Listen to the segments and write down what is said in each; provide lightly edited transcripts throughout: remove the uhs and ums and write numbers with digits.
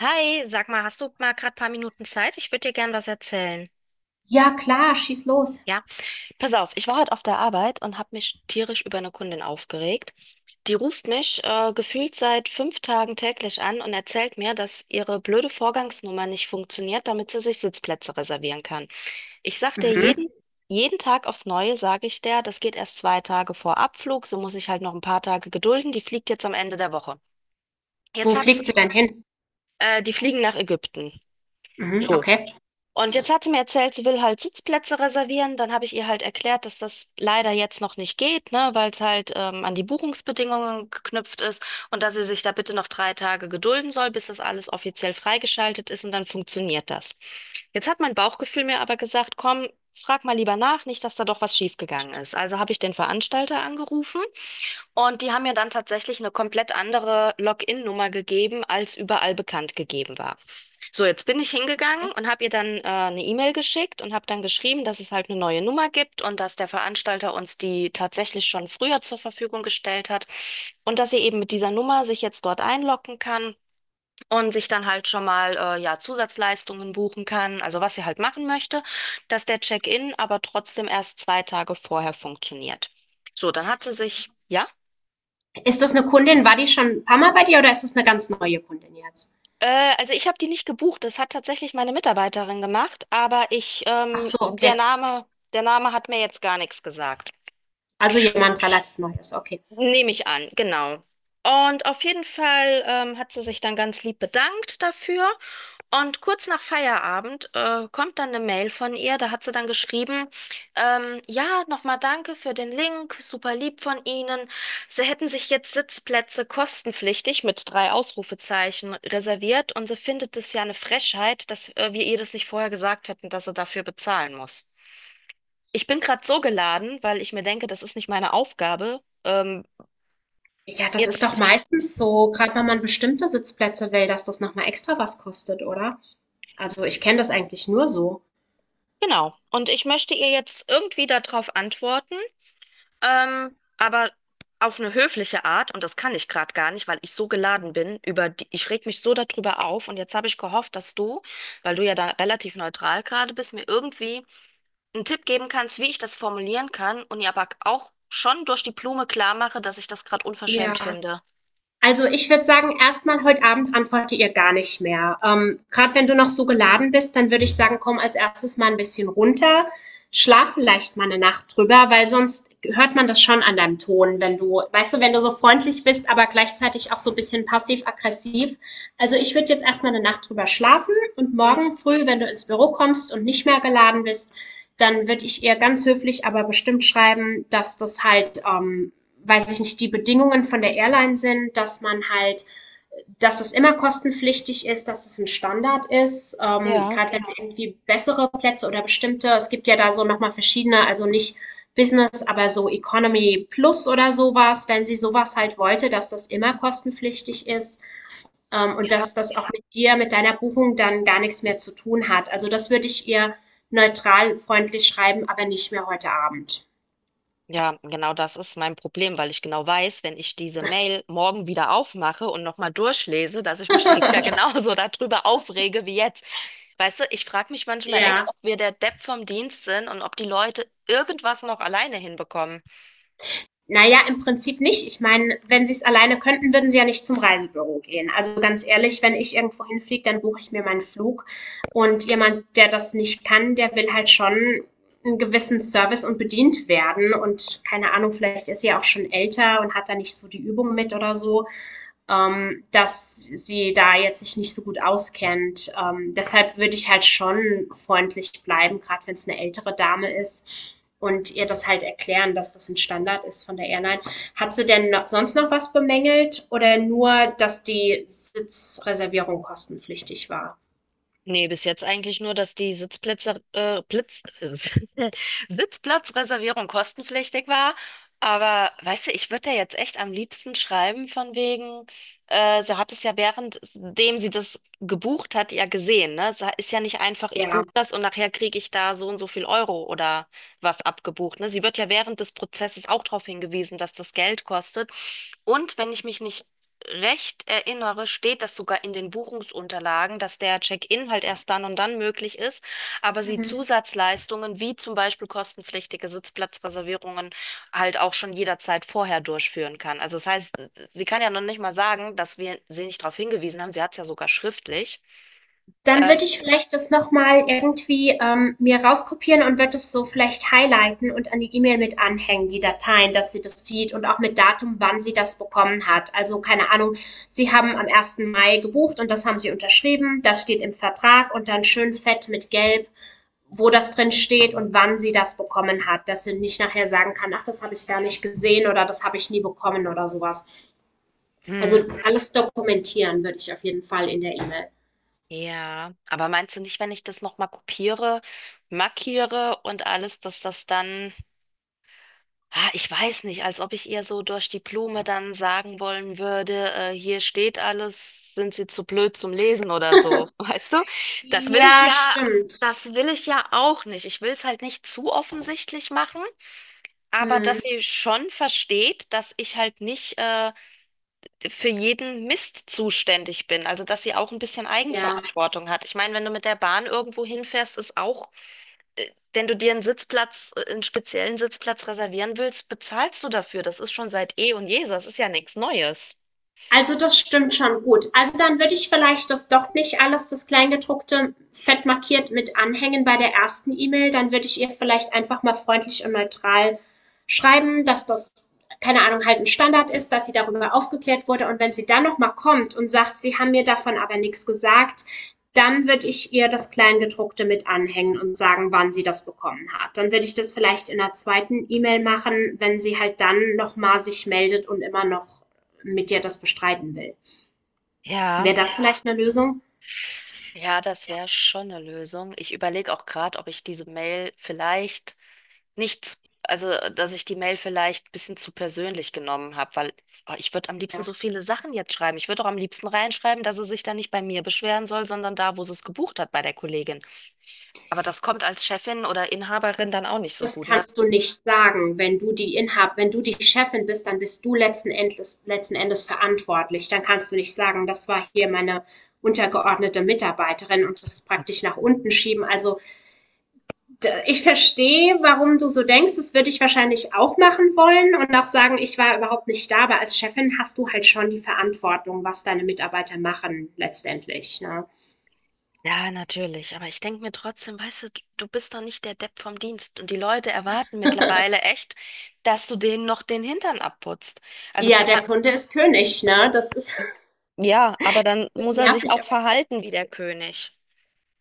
Hi, sag mal, hast du mal gerade paar Minuten Zeit? Ich würde dir gern was erzählen. Ja klar, schieß los. Ja, pass auf, ich war heute auf der Arbeit und habe mich tierisch über eine Kundin aufgeregt. Die ruft mich gefühlt seit 5 Tagen täglich an und erzählt mir, dass ihre blöde Vorgangsnummer nicht funktioniert, damit sie sich Sitzplätze reservieren kann. Ich sag dir Mhm. jeden Tag aufs Neue, sage ich der, das geht erst 2 Tage vor Abflug, so muss ich halt noch ein paar Tage gedulden. Die fliegt jetzt am Ende der Woche. Jetzt Wo hat's, fliegt sie denn hin? Die fliegen nach Ägypten. Mhm, So. okay. Und jetzt hat sie mir erzählt, sie will halt Sitzplätze reservieren. Dann habe ich ihr halt erklärt, dass das leider jetzt noch nicht geht, ne, weil es halt an die Buchungsbedingungen geknüpft ist und dass sie sich da bitte noch 3 Tage gedulden soll, bis das alles offiziell freigeschaltet ist und dann funktioniert das. Jetzt hat mein Bauchgefühl mir aber gesagt, komm, frag mal lieber nach, nicht, dass da doch was schiefgegangen ist. Also habe ich den Veranstalter angerufen und die haben mir dann tatsächlich eine komplett andere Login-Nummer gegeben, als überall bekannt gegeben war. So, jetzt bin ich hingegangen und habe ihr dann eine E-Mail geschickt und habe dann geschrieben, dass es halt eine neue Nummer gibt und dass der Veranstalter uns die tatsächlich schon früher zur Verfügung gestellt hat und dass sie eben mit dieser Nummer sich jetzt dort einloggen kann und sich dann halt schon mal ja Zusatzleistungen buchen kann, also was sie halt machen möchte, dass der Check-in aber trotzdem erst 2 Tage vorher funktioniert. So, dann hat sie sich ja Ist das eine Kundin? War die schon ein paar Mal bei dir oder ist das eine ganz neue Kundin jetzt? Also ich habe die nicht gebucht. Das hat tatsächlich meine Mitarbeiterin gemacht, Ach so, der okay. Name, der Name hat mir jetzt gar nichts gesagt. Also jemand relativ Neues, okay. Nehme ich an, genau. Und auf jeden Fall hat sie sich dann ganz lieb bedankt dafür. Und kurz nach Feierabend kommt dann eine Mail von ihr, da hat sie dann geschrieben, ja, nochmal danke für den Link, super lieb von Ihnen. Sie hätten sich jetzt Sitzplätze kostenpflichtig mit drei Ausrufezeichen reserviert und sie findet es ja eine Frechheit, dass wir ihr das nicht vorher gesagt hätten, dass sie dafür bezahlen muss. Ich bin gerade so geladen, weil ich mir denke, das ist nicht meine Aufgabe. Ja, das ist doch jetzt, meistens so, gerade wenn man bestimmte Sitzplätze will, dass das nochmal extra was kostet, oder? Also ich kenne das eigentlich nur so. genau. Und ich möchte ihr jetzt irgendwie darauf antworten. Aber auf eine höfliche Art, und das kann ich gerade gar nicht, weil ich so geladen bin, über die, ich reg mich so darüber auf und jetzt habe ich gehofft, dass du, weil du ja da relativ neutral gerade bist, mir irgendwie einen Tipp geben kannst, wie ich das formulieren kann und ihr aber auch schon durch die Blume klar mache, dass ich das gerade unverschämt finde. Also ich würde sagen, erstmal heute Abend antworte ihr gar nicht mehr. Gerade wenn du noch so geladen bist, dann würde ich sagen, komm als erstes mal ein bisschen runter, schlaf vielleicht mal eine Nacht drüber, weil sonst hört man das schon an deinem Ton, wenn du, weißt du, wenn du so freundlich bist, aber gleichzeitig auch so ein bisschen passiv-aggressiv. Also ich würde jetzt erstmal eine Nacht drüber schlafen und Mhm. morgen früh, wenn du ins Büro kommst und nicht mehr geladen bist, dann würde ich ihr ganz höflich, aber bestimmt schreiben, dass das halt weiß ich nicht, die Bedingungen von der Airline sind, dass man halt, dass es immer kostenpflichtig ist, dass es ein Standard ist, Ja. gerade wenn es irgendwie bessere Plätze oder bestimmte, es gibt ja da so nochmal verschiedene, also nicht Business, aber so Economy Plus oder sowas, wenn sie sowas halt wollte, dass das immer kostenpflichtig ist, und dass das auch mit dir, mit deiner Buchung dann gar nichts mehr zu tun hat. Also das würde ich ihr neutral, freundlich schreiben, aber nicht mehr heute Abend. Ja, genau das ist mein Problem, weil ich genau weiß, wenn ich diese Mail morgen wieder aufmache und nochmal durchlese, dass ich mich dann wieder genauso darüber aufrege wie jetzt. Weißt du, ich frage mich manchmal echt, Ja, ob wir der Depp vom Dienst sind und ob die Leute irgendwas noch alleine hinbekommen. naja, im Prinzip nicht. Ich meine, wenn sie es alleine könnten, würden sie ja nicht zum Reisebüro gehen. Also ganz ehrlich, wenn ich irgendwo hinfliege, dann buche ich mir meinen Flug. Und jemand, der das nicht kann, der will halt schon einen gewissen Service und bedient werden. Und keine Ahnung, vielleicht ist sie ja auch schon älter und hat da nicht so die Übung mit oder so, dass sie da jetzt sich nicht so gut auskennt. Deshalb würde ich halt schon freundlich bleiben, gerade wenn es eine ältere Dame ist und ihr das halt erklären, dass das ein Standard ist von der Airline. Hat sie denn noch, sonst noch was bemängelt oder nur, dass die Sitzreservierung kostenpflichtig war? Nee, bis jetzt eigentlich nur, dass die Sitzplatzreservierung kostenpflichtig war. Aber weißt du, ich würde da jetzt echt am liebsten schreiben, von wegen, sie hat es ja währenddem sie das gebucht hat, ja gesehen, ne? Es ist ja nicht einfach, ich buche Ja. das und nachher kriege ich da so und so viel Euro oder was abgebucht, ne? Sie wird ja während des Prozesses auch darauf hingewiesen, dass das Geld kostet. Und wenn ich mich nicht recht erinnere, steht das sogar in den Buchungsunterlagen, dass der Check-in halt erst dann und dann möglich ist, aber sie Mhm. Zusatzleistungen wie zum Beispiel kostenpflichtige Sitzplatzreservierungen halt auch schon jederzeit vorher durchführen kann. Also das heißt, sie kann ja noch nicht mal sagen, dass wir sie nicht darauf hingewiesen haben. Sie hat es ja sogar schriftlich. Dann würde ich vielleicht das noch mal irgendwie, mir rauskopieren und würde es so vielleicht highlighten und an die E-Mail mit anhängen, die Dateien, dass sie das sieht und auch mit Datum, wann sie das bekommen hat. Also keine Ahnung, Sie haben am ersten Mai gebucht und das haben Sie unterschrieben, das steht im Vertrag und dann schön fett mit Gelb, wo das drin steht und wann sie das bekommen hat, dass sie nicht nachher sagen kann, ach, das habe ich gar nicht gesehen oder das habe ich nie bekommen oder sowas. Hm. Also alles dokumentieren würde ich auf jeden Fall in der E-Mail. Ja, aber meinst du nicht, wenn ich das nochmal kopiere, markiere und alles, dass das dann Ah, ich weiß nicht, als ob ich ihr so durch die Blume dann sagen wollen würde, hier steht alles, sind Sie zu blöd zum Lesen oder so, weißt du? Das will ich Ja, ja, stimmt. das will ich ja auch nicht. Ich will es halt nicht zu offensichtlich machen, aber Mhm. dass sie schon versteht, dass ich halt nicht für jeden Mist zuständig bin. Also dass sie auch ein bisschen Ja. Eigenverantwortung hat. Ich meine, wenn du mit der Bahn irgendwo hinfährst, ist auch wenn du dir einen einen speziellen Sitzplatz reservieren willst, bezahlst du dafür. Das ist schon seit eh und je so. Das ist ja nichts Neues. Also das stimmt schon gut. Also dann würde ich vielleicht das doch nicht alles, das Kleingedruckte, fett markiert mit anhängen bei der ersten E-Mail. Dann würde ich ihr vielleicht einfach mal freundlich und neutral schreiben, dass das, keine Ahnung, halt ein Standard ist, dass sie darüber aufgeklärt wurde. Und wenn sie dann nochmal kommt und sagt, sie haben mir davon aber nichts gesagt, dann würde ich ihr das Kleingedruckte mit anhängen und sagen, wann sie das bekommen hat. Dann würde ich das vielleicht in der zweiten E-Mail machen, wenn sie halt dann nochmal sich meldet und immer noch mit dir das bestreiten will. Ja, Wäre das vielleicht eine Lösung? ja, das wäre schon eine Lösung. Ich überlege auch gerade, ob ich diese Mail vielleicht nicht, dass ich die Mail vielleicht ein bisschen zu persönlich genommen habe, weil oh, ich würde am liebsten Ja. so viele Sachen jetzt schreiben. Ich würde auch am liebsten reinschreiben, dass sie sich da nicht bei mir beschweren soll, sondern da, wo sie es gebucht hat, bei der Kollegin. Aber das kommt als Chefin oder Inhaberin dann auch nicht so Das gut, ne? kannst du nicht sagen, wenn du die Inhab, wenn du die Chefin bist, dann bist du letzten Endes verantwortlich. Dann kannst du nicht sagen, das war hier meine untergeordnete Mitarbeiterin und das praktisch nach unten schieben. Also ich verstehe, warum du so denkst. Das würde ich wahrscheinlich auch machen wollen und auch sagen, ich war überhaupt nicht da, aber als Chefin hast du halt schon die Verantwortung, was deine Mitarbeiter machen letztendlich. Ne? Ja, natürlich. Aber ich denke mir trotzdem, weißt du, du bist doch nicht der Depp vom Dienst. Und die Leute erwarten mittlerweile echt, dass du denen noch den Hintern abputzt. Also, Ja, bei, der Kunde ist König, ne? Das ist ja, aber dann ist muss er sich nervig, auch aber verhalten wie der König.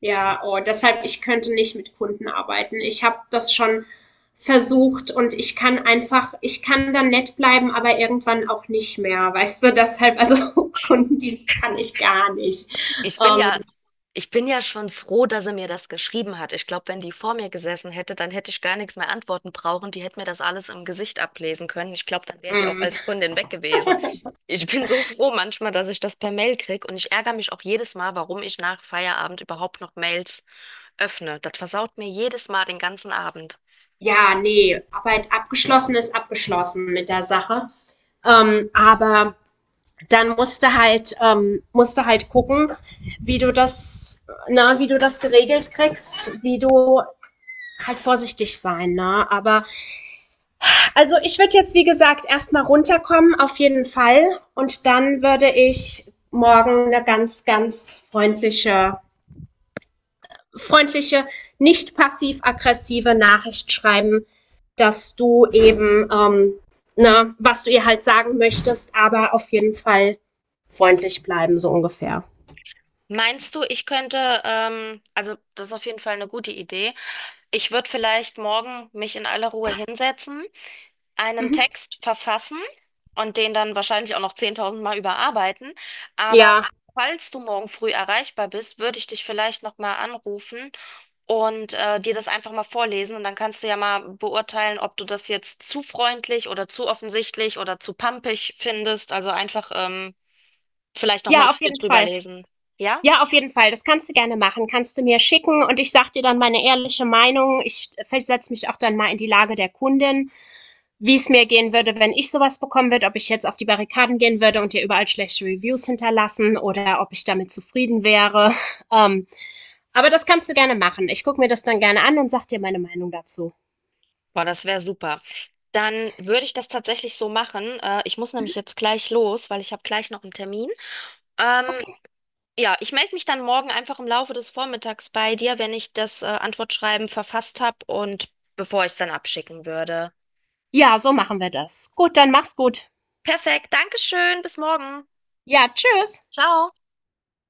ja, oh, deshalb, ich könnte nicht mit Kunden arbeiten. Ich habe das schon versucht und ich kann einfach, ich kann dann nett bleiben, aber irgendwann auch nicht mehr. Weißt du, deshalb, also Kundendienst kann ich gar nicht. Ich bin Ähm, ja, ich bin ja schon froh, dass sie mir das geschrieben hat. Ich glaube, wenn die vor mir gesessen hätte, dann hätte ich gar nichts mehr antworten brauchen. Die hätte mir das alles im Gesicht ablesen können. Ich glaube, dann wäre die auch mm, als Kundin weg gewesen. Ich bin so froh manchmal, dass ich das per Mail krieg und ich ärgere mich auch jedes Mal, warum ich nach Feierabend überhaupt noch Mails öffne. Das versaut mir jedes Mal den ganzen Abend. ja, nee, Arbeit abgeschlossen ist abgeschlossen mit der Sache. Aber dann musst du halt gucken, wie du das, na, wie du das geregelt kriegst, wie du halt vorsichtig sein, ne? Aber also ich würde jetzt, wie gesagt, erstmal runterkommen, auf jeden Fall. Und dann würde ich morgen eine ganz, ganz freundliche, freundliche, nicht passiv-aggressive Nachricht schreiben, dass du eben, ne, was du ihr halt sagen möchtest, aber auf jeden Fall freundlich bleiben, so ungefähr. Meinst du, also das ist auf jeden Fall eine gute Idee. Ich würde vielleicht morgen mich in aller Ruhe hinsetzen, einen Mhm. Text verfassen und den dann wahrscheinlich auch noch 10.000 Mal überarbeiten. Aber Ja, falls du morgen früh erreichbar bist, würde ich dich vielleicht nochmal anrufen und dir das einfach mal vorlesen. Und dann kannst du ja mal beurteilen, ob du das jetzt zu freundlich oder zu offensichtlich oder zu pampig findest. Also einfach vielleicht nochmal ja, auf mit mir jeden drüber Fall. lesen. Ja? Ja, auf jeden Fall. Das kannst du gerne machen. Kannst du mir schicken und ich sag dir dann meine ehrliche Meinung. Ich versetze mich auch dann mal in die Lage der Kundin. Wie es mir gehen würde, wenn ich sowas bekommen würde, ob ich jetzt auf die Barrikaden gehen würde und ihr überall schlechte Reviews hinterlassen oder ob ich damit zufrieden wäre. Ähm, aber das kannst du gerne machen. Ich gucke mir das dann gerne an und sag dir meine Meinung dazu. Boah, das wäre super. Dann würde ich das tatsächlich so machen. Ich muss nämlich jetzt gleich los, weil ich habe gleich noch einen Termin. Ähm, Okay. Ja, ich melde mich dann morgen einfach im Laufe des Vormittags bei dir, wenn ich das Antwortschreiben verfasst habe und bevor ich es dann abschicken würde. Ja, so machen wir das. Gut, dann mach's gut. Perfekt, Dankeschön, bis morgen. Ja, tschüss. Ciao.